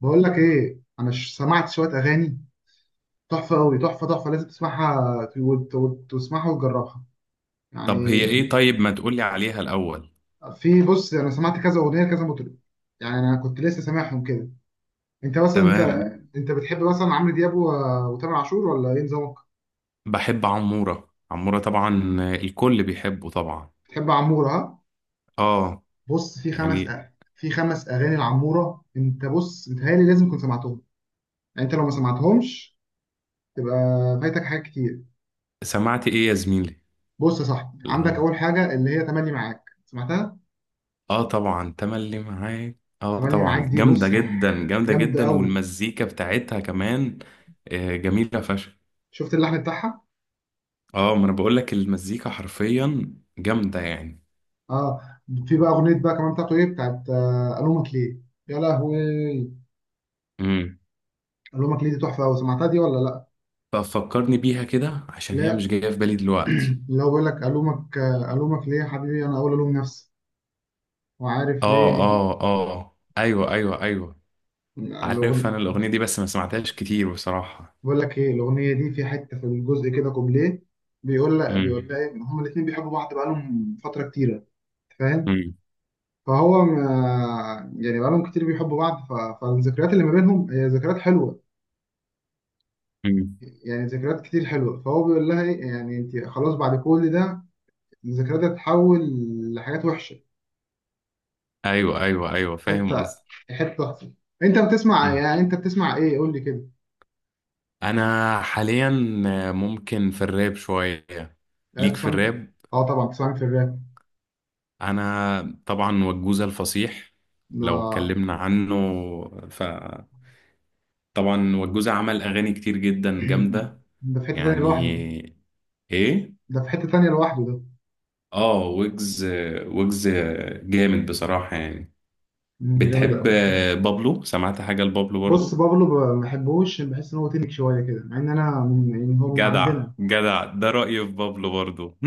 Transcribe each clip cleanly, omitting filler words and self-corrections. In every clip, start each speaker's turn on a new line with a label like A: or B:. A: بقول لك ايه، انا سمعت شويه اغاني تحفه قوي، تحفه تحفه، لازم تسمعها تسمعها وتجربها يعني.
B: طب هي ايه طيب ما تقولي عليها الأول؟
A: في، بص، انا سمعت كذا اغنيه لكذا مطرب يعني. انا كنت لسه سامعهم كده. انت مثلا
B: تمام.
A: تمام، انت بتحب مثلا عمرو دياب وتامر عاشور ولا ايه نظامك؟
B: بحب عمورة عمورة طبعا، الكل بيحبه طبعا.
A: بتحب عموره ها؟
B: اه،
A: بص، في
B: يعني
A: في خمس اغاني لعموره، انت بص متهيألي لازم تكون سمعتهم. يعني انت لو ما سمعتهمش تبقى فايتك حاجات كتير.
B: سمعت ايه يا زميلي؟
A: بص يا صاحبي، عندك
B: العم
A: اول حاجه اللي هي تملي معاك، سمعتها؟
B: اه طبعا تملي معاك. اه
A: تملي معاك
B: طبعا
A: دي،
B: جامدة
A: بص،
B: جدا جامدة
A: جامد
B: جدا،
A: قوي.
B: والمزيكا بتاعتها كمان. آه، جميلة فشخ.
A: شفت اللحن بتاعها.
B: اه، ما انا بقول لك المزيكا حرفيا جامدة يعني.
A: اه، في بقى اغنيه بقى كمان بتاعته، ايه بتاعت الومك ليه. يا لهوي،
B: امم
A: الومك ليه دي تحفه قوي، سمعتها دي ولا لا؟
B: ففكرني بيها كده عشان هي مش
A: لا،
B: جاية في بالي دلوقتي.
A: اللي هو بيقول لك الومك، الومك ليه يا حبيبي انا اول الوم نفسي، وعارف
B: اه
A: ليه
B: اه اه، ايوه ايوه ايوه. عارف
A: الاغنيه؟
B: انا الاغنيه دي بس ما سمعتهاش كتير بصراحه.
A: بقول لك ايه، الاغنيه دي في حته، في الجزء كده كوبليه، بيقول
B: امم
A: لها ايه، هما الاثنين بيحبوا بعض بقالهم فتره كتيره، أنت فاهم؟
B: امم
A: فهو يعني بقالهم كتير بيحبوا بعض، فالذكريات اللي ما بينهم هي ذكريات حلوه،
B: امم،
A: يعني ذكريات كتير حلوه. فهو بيقول لها ايه، يعني انت خلاص بعد كل ده الذكريات هتتحول لحاجات وحشه،
B: ايوه ايوه ايوه،
A: حته
B: فاهم قصدي.
A: حته وحشه. انت بتسمع،
B: أمم.
A: يعني انت بتسمع ايه، قول لي كده.
B: انا حاليا ممكن في الراب شويه. ليك في
A: بتسمع؟
B: الراب.
A: اه طبعا بتسمع في الراب.
B: انا طبعا وجوزة الفصيح،
A: ده
B: لو اتكلمنا عنه فطبعا وجوزة عمل اغاني كتير جدا جامده
A: ده في حته تانيه لوحده،
B: يعني. ايه.
A: ده في حته تانيه لوحده ده.
B: اه، ويجز ويجز جامد بصراحه يعني.
A: جامد
B: بتحب
A: قوي.
B: بابلو؟ سمعت حاجه لبابلو
A: بص
B: برضو؟
A: بابلو، ما بحبوش، بحس ان هو تنك شويه كده، مع ان انا من، يعني هو من
B: جدع
A: عندنا.
B: جدع، ده رأيي في بابلو برضو.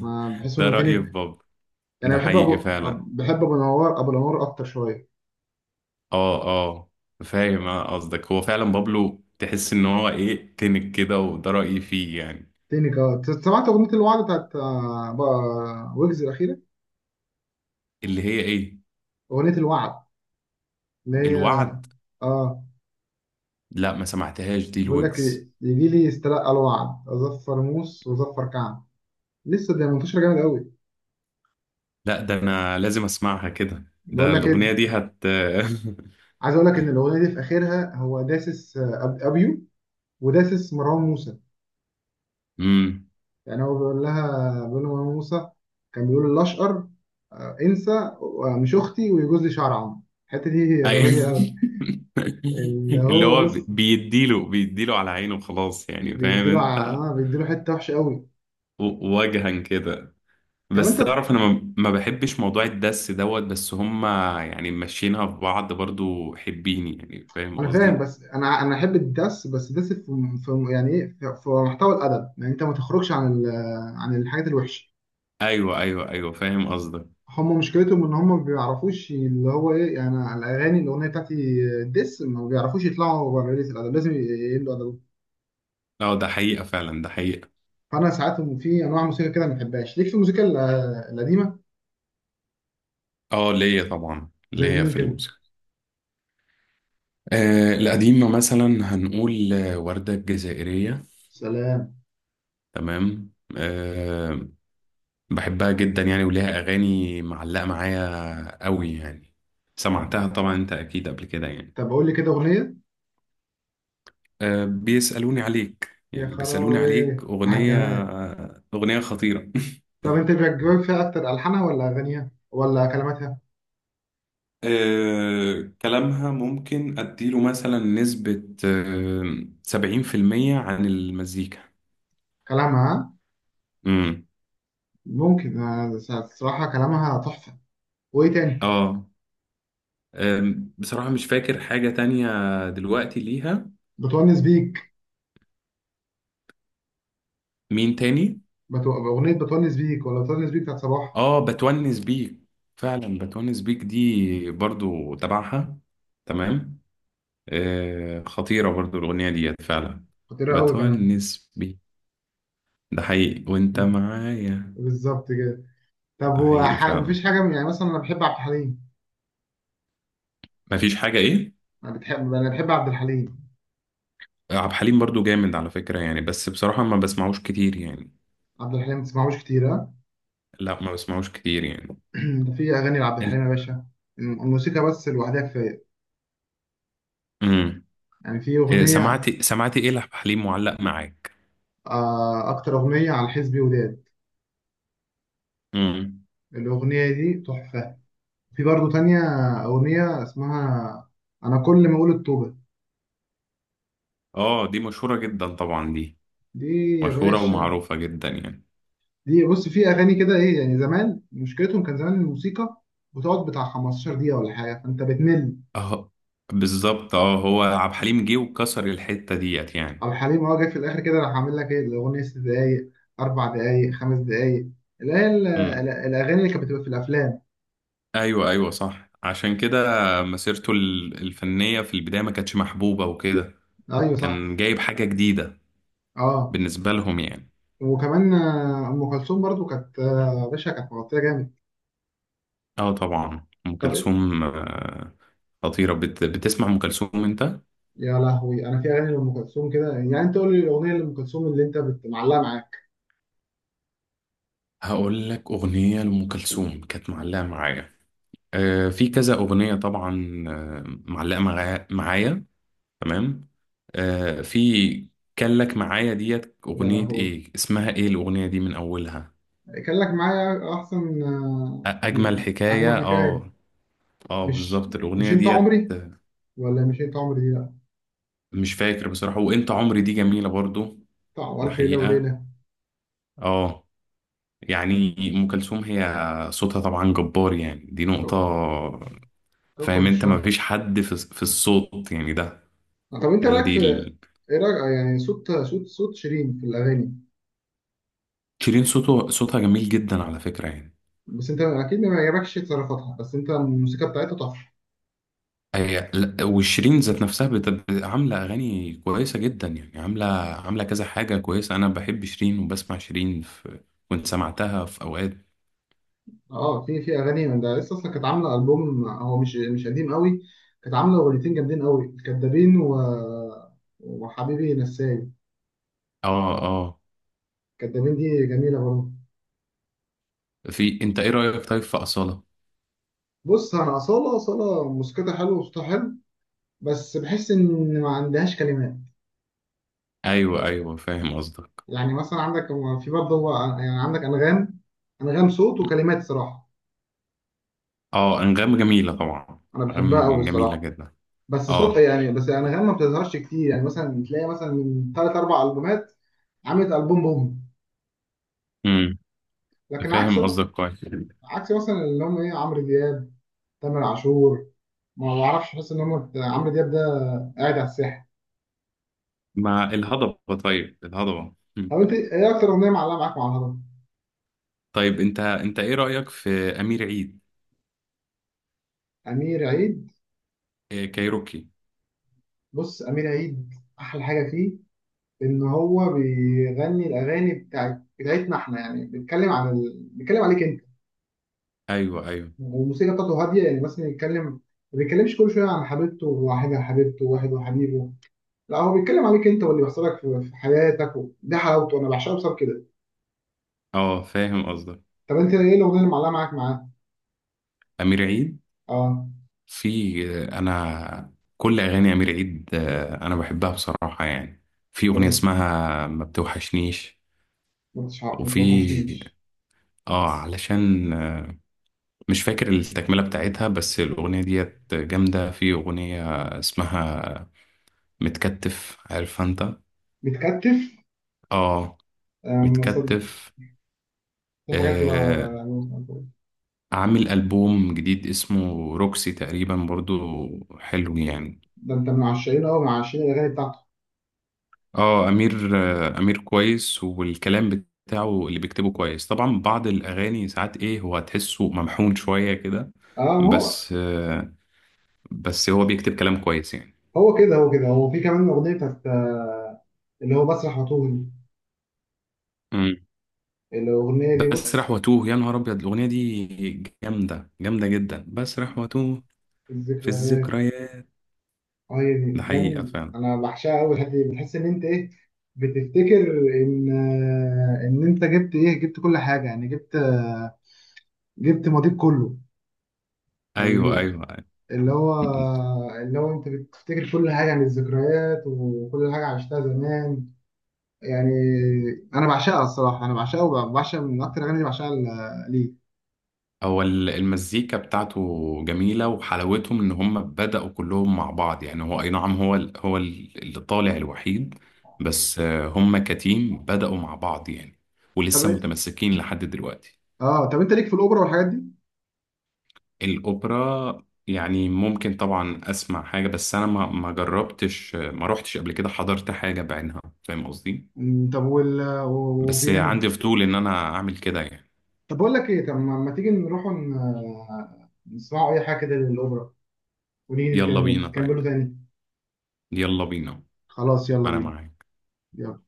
A: ما بحس
B: ده
A: انه
B: رأيي في
A: تنك.
B: بابلو.
A: يعني
B: ده
A: بحب
B: حقيقي
A: ابو،
B: فعلا.
A: بحب ابو نوار، ابو نوار اكتر شويه.
B: اه اه. فاهم أنا قصدك، هو فعلا بابلو تحس ان هو ايه تنك كده، وده رأيي فيه يعني.
A: تاني جاد، سمعت أغنية الوعد بتاعت بقى ويجز الأخيرة،
B: اللي هي ايه؟
A: أغنية الوعد، اللي هي
B: الوعد.
A: آه.
B: لا ما سمعتهاش دي
A: بيقول لك
B: الويجز.
A: إيه، يجي لي استلقى الوعد أظفر موس وأظفر كعب، لسه ده منتشر جامد قوي.
B: لا، ده انا لازم اسمعها كده،
A: بقول
B: ده
A: لك إيه،
B: الأغنية دي هت.
A: عايز أقول لك إن الأغنية دي في آخرها هو داسس، أبيو، وداسس مروان موسى.
B: امم.
A: يعني هو بيقول لها، بيقول لمروان موسى، كان بيقول الأشقر، انسى، مش أختي ويجوز لي شعر عمرو. الحتة دي غبية قوي.
B: أي-
A: اللي
B: اللي
A: هو
B: هو
A: بص
B: بيديله على عينه خلاص يعني، فاهم
A: بيديله
B: انت.
A: بيديله حته وحشه قوي.
B: وجها كده.
A: طب
B: بس
A: انت،
B: تعرف انا ما بحبش موضوع الدس دوت بس هما، يعني ماشيينها في بعض برضو حبيني، يعني فاهم
A: انا فاهم
B: قصدي.
A: بس انا احب الدس، بس دس في، في يعني ايه، في في محتوى الادب. يعني انت ما تخرجش عن عن الحاجات الوحشه.
B: ايوه ايوه ايوه، فاهم قصدك.
A: هم مشكلتهم ان هم ما بيعرفوش اللي هو ايه، يعني الاغاني الاغنيه بتاعتي دس، ما بيعرفوش يطلعوا بره ليله الادب، لازم يقلوا ادبهم.
B: اه، ده حقيقة فعلا، ده حقيقة.
A: فانا ساعات في انواع موسيقى كده ما بحبهاش. ليك في الموسيقى القديمه؟
B: اه، ليا طبعا،
A: زي
B: ليا
A: مين
B: في
A: كده؟
B: الموسيقى. آه، القديمة مثلا هنقول وردة الجزائرية.
A: سلام.
B: تمام، آه. بحبها جدا يعني، وليها اغاني معلقة معايا قوي يعني. سمعتها طبعا انت اكيد قبل كده يعني.
A: طب قول لي كده اغنيه.
B: بيسألوني عليك،
A: يا
B: يعني بيسألوني
A: خرابي
B: عليك
A: على
B: أغنية.
A: الجمال.
B: أغنية خطيرة.
A: طب انت بيعجبك فيها اكتر الحانها ولا اغانيها ولا كلماتها؟
B: كلامها ممكن أديله مثلا نسبة 70% عن المزيكا.
A: كلامها ها؟
B: امم.
A: ممكن آه، الصراحة كلامها تحفة. وإيه تاني؟
B: اه، بصراحة مش فاكر حاجة تانية دلوقتي ليها.
A: بتونس بيك.
B: مين تاني؟
A: أغنية بتونس بيك، ولا بتونس بيك بتاعت صباح.
B: اه، بتونس بيك، فعلا بتونس بيك دي برضو تبعها. تمام. آه، خطيرة برضو الأغنية ديت فعلا.
A: خطيرة أوي كمان.
B: بتونس، ده حقيقي وانت
A: مم،
B: معايا.
A: بالظبط كده. طب
B: ده
A: هو
B: حقيقي فعلا.
A: مفيش حاجة من، يعني مثلا أنا بحب عبد الحليم.
B: مفيش حاجة ايه.
A: أنا بحب عبد الحليم.
B: عبد الحليم برضو جامد على فكرة يعني، بس بصراحة ما بسمعوش كتير يعني.
A: عبد الحليم ما تسمعوش كتير ها؟
B: لا، ما بسمعوش كتير يعني.
A: ده في أغاني لعبد
B: انت.
A: الحليم يا باشا، الموسيقى بس لوحدها كفاية.
B: امم.
A: يعني في
B: إيه،
A: أغنية
B: سمعتي ايه لعبد الحليم معلق معاك؟
A: أكتر أغنية على حزبي وداد،
B: امم.
A: الأغنية دي تحفة. في برضه تانية، أغنية اسمها أنا كل ما أقول الطوبة،
B: اه، دي مشهورة جدا طبعا دي،
A: دي يا
B: مشهورة
A: باشا.
B: ومعروفة جدا يعني.
A: دي بص، في اغاني كده، ايه يعني، زمان مشكلتهم كان زمان الموسيقى بتقعد بتاع 15 دقيقه ولا حاجه، فانت بتمل.
B: اه بالظبط، اه هو عبد الحليم جه وكسر الحتة ديت يعني.
A: او حليم هو جاي في الاخر كده، راح عامل لك ايه الاغنيه ست دقايق، اربع دقايق، خمس دقايق، اللي هي
B: امم.
A: الاغاني اللي كانت بتبقى في الافلام.
B: ايوه ايوه صح، عشان كده مسيرته الفنية في البداية ما كانتش محبوبة وكده.
A: ايوه صح.
B: كان جايب حاجة جديدة
A: اه،
B: بالنسبة لهم يعني.
A: وكمان ام كلثوم برضو كانت يا باشا كانت مغطيه جامد.
B: اه طبعا أم
A: طب،
B: كلثوم. خطيرة، بتسمع أم كلثوم أنت؟
A: يا لهوي، انا في اغاني لام كلثوم كده، يعني انت قول لي الاغنيه لام كلثوم اللي انت معلقه معاك.
B: هقول لك أغنية لأم كلثوم كانت معلقة معايا. في كذا أغنية طبعا، معلقة معايا معايا. تمام. في كان لك معايا ديت،
A: يا
B: أغنية
A: لهوي،
B: إيه اسمها، إيه الأغنية دي من أولها.
A: كان لك معايا احسن،
B: أجمل
A: اجمل
B: حكاية،
A: حكايه.
B: اه. اه
A: مش،
B: بالظبط
A: مش
B: الأغنية
A: انت
B: ديت.
A: عمري، ولا مش انت عمري دي؟ لا،
B: مش فاكر بصراحة، وأنت عمري دي جميلة برضو.
A: بتاع
B: ده
A: الف ليله
B: حقيقة.
A: وليله.
B: اه. يعني ام كلثوم هي صوتها طبعا جبار يعني، دي نقطه.
A: كو- كوكب
B: فاهم انت؟ ما
A: الشرق.
B: فيش حد في الصوت يعني ده.
A: طب انت
B: هي
A: رايك
B: دي
A: في، ايه رايك يعني صوت شيرين في الاغاني؟
B: شيرين صوتها جميل جدا على فكره يعني.
A: بس انت اكيد ما يعجبكش تصرفاتها، بس انت الموسيقى بتاعتها تحفه.
B: هي لا، وشيرين ذات نفسها عامله اغاني كويسه جدا يعني، عامله، عامله كذا حاجه كويسه، انا بحب شيرين وبسمع شيرين في، كنت سمعتها في اوقات.
A: اه، في، في اغاني من ده لسه اصلا، كانت عامله البوم هو مش، مش قديم قوي، كانت عامله اغنيتين جامدين قوي، كدابين و، وحبيبي نساي.
B: اه اه.
A: كدابين دي جميله برضه.
B: في انت ايه رايك طيب في اصاله؟
A: بص انا اصاله، اصاله موسيقتها حلو وصوتها حلو، بس بحس ان ما عندهاش كلمات.
B: ايوه ايوه، فاهم قصدك.
A: يعني مثلا عندك، في برضه هو يعني، عندك انغام، انغام صوت وكلمات صراحه،
B: اه، انغام جميله طبعا.
A: انا بحبها قوي
B: انغام جميله
A: الصراحه.
B: جدا.
A: بس صوت
B: اه.
A: يعني، بس انغام ما بتظهرش كتير، يعني مثلا تلاقي مثلا من ثلاث اربع البومات عملت البوم بوم.
B: امم.
A: لكن عكس
B: فاهم
A: بقى،
B: قصدك كويس.
A: عكس مثلا اللي هم ايه، عمرو دياب، تامر عاشور. ما بعرفش، بحس ان هم عمرو دياب ده قاعد على الساحه.
B: مع الهضبة، طيب الهضبة. مم.
A: طب انت ايه اكتر اغنيه معلقه معاك مع الهضبه؟
B: طيب انت ايه رأيك في امير عيد؟
A: امير عيد.
B: إيه كايروكي.
A: بص امير عيد، احلى حاجه فيه ان هو بيغني الاغاني بتاعتنا احنا، يعني بيتكلم عن بيتكلم عليك انت،
B: ايوه ايوه،
A: والموسيقى بتاعته هاديه. يعني مثلا يتكلم، ما بيتكلمش كل شويه عن حبيبته وواحدها حبيبته وواحد وحبيبه، لا هو بيتكلم عليك انت واللي بيحصل لك في في حياتك، و... ده حلاوته، انا بعشقه بسبب كده.
B: اه فاهم قصدك.
A: طب انت ايه الاغنيه اللي معلقه معاك معاه؟
B: امير عيد.
A: اه،
B: في، انا كل اغاني امير عيد انا بحبها بصراحة يعني. في
A: انت
B: اغنية اسمها ما بتوحشنيش.
A: ما
B: وفي،
A: توحشنيش؟
B: اه علشان مش فاكر التكملة بتاعتها، بس الأغنية ديت جامدة. في أغنية اسمها متكتف، عارفها انت؟
A: بتكتف؟
B: اه،
A: أم، صد-
B: متكتف.
A: في حاجات
B: آه. عامل ألبوم جديد اسمه روكسي تقريبا برضو، حلو يعني.
A: ده انت من عشاقين، اه من عشاقين الاغاني بتاعته.
B: اه، أمير، أمير كويس، والكلام بتاعه اللي بيكتبه كويس، طبعا بعض الأغاني ساعات ايه، هو هتحسه ممحون شوية كده.
A: اه، ما هو،
B: بس آه بس هو بيكتب كلام كويس يعني.
A: هو كده، هو كده، هو في كمان اغنيه بتاعت اللي هو بسرح وطول،
B: مم.
A: الاغنيه دي
B: بسرح
A: بص،
B: واتوه، يا نهار أبيض الأغنية دي جامدة، جامدة جدا، بسرح واتوه. في
A: الذكريات.
B: الذكريات.
A: اه، هي
B: ده
A: دي
B: حقيقة
A: جامد،
B: فعلا.
A: انا بعشقها قوي. الحته دي بتحس ان انت ايه، بتفتكر ان، ان انت جبت ايه، جبت كل حاجه يعني، جبت جبت ماضيك كله
B: أيوه
A: يعني،
B: أيوه
A: اللي هو،
B: أيوة.
A: اللي هو انت بتفتكر كل حاجه عن الذكريات وكل حاجه عشتها زمان يعني. انا بعشقها الصراحه، انا بعشقها وبعشق من اكتر اغاني بعشقها ليه.
B: هو المزيكا بتاعته جميلة، وحلاوتهم إن هم بدأوا كلهم مع بعض يعني، هو أي نعم، اللي طالع الوحيد. بس آه، هم كتيم بدأوا مع بعض يعني،
A: طب،
B: ولسه متمسكين لحد دلوقتي.
A: اه طب انت ليك في الاوبرا والحاجات دي؟
B: الأوبرا يعني ممكن طبعا أسمع حاجة، بس أنا ما جربتش، ما روحتش قبل كده حضرت حاجة بعينها، فاهم قصدي.
A: مم، طب وال،
B: بس
A: وبيانو؟
B: عندي فضول إن أنا أعمل كده يعني.
A: طب بقول لك ايه، طب ما ما تيجي نروح نسمعوا اي حاجه كده للاوبرا، ونيجي
B: يلا بينا طيب.
A: نكملوا تاني؟
B: يلا بينا.
A: خلاص يلا
B: أنا
A: بينا.
B: معاك.
A: يلا.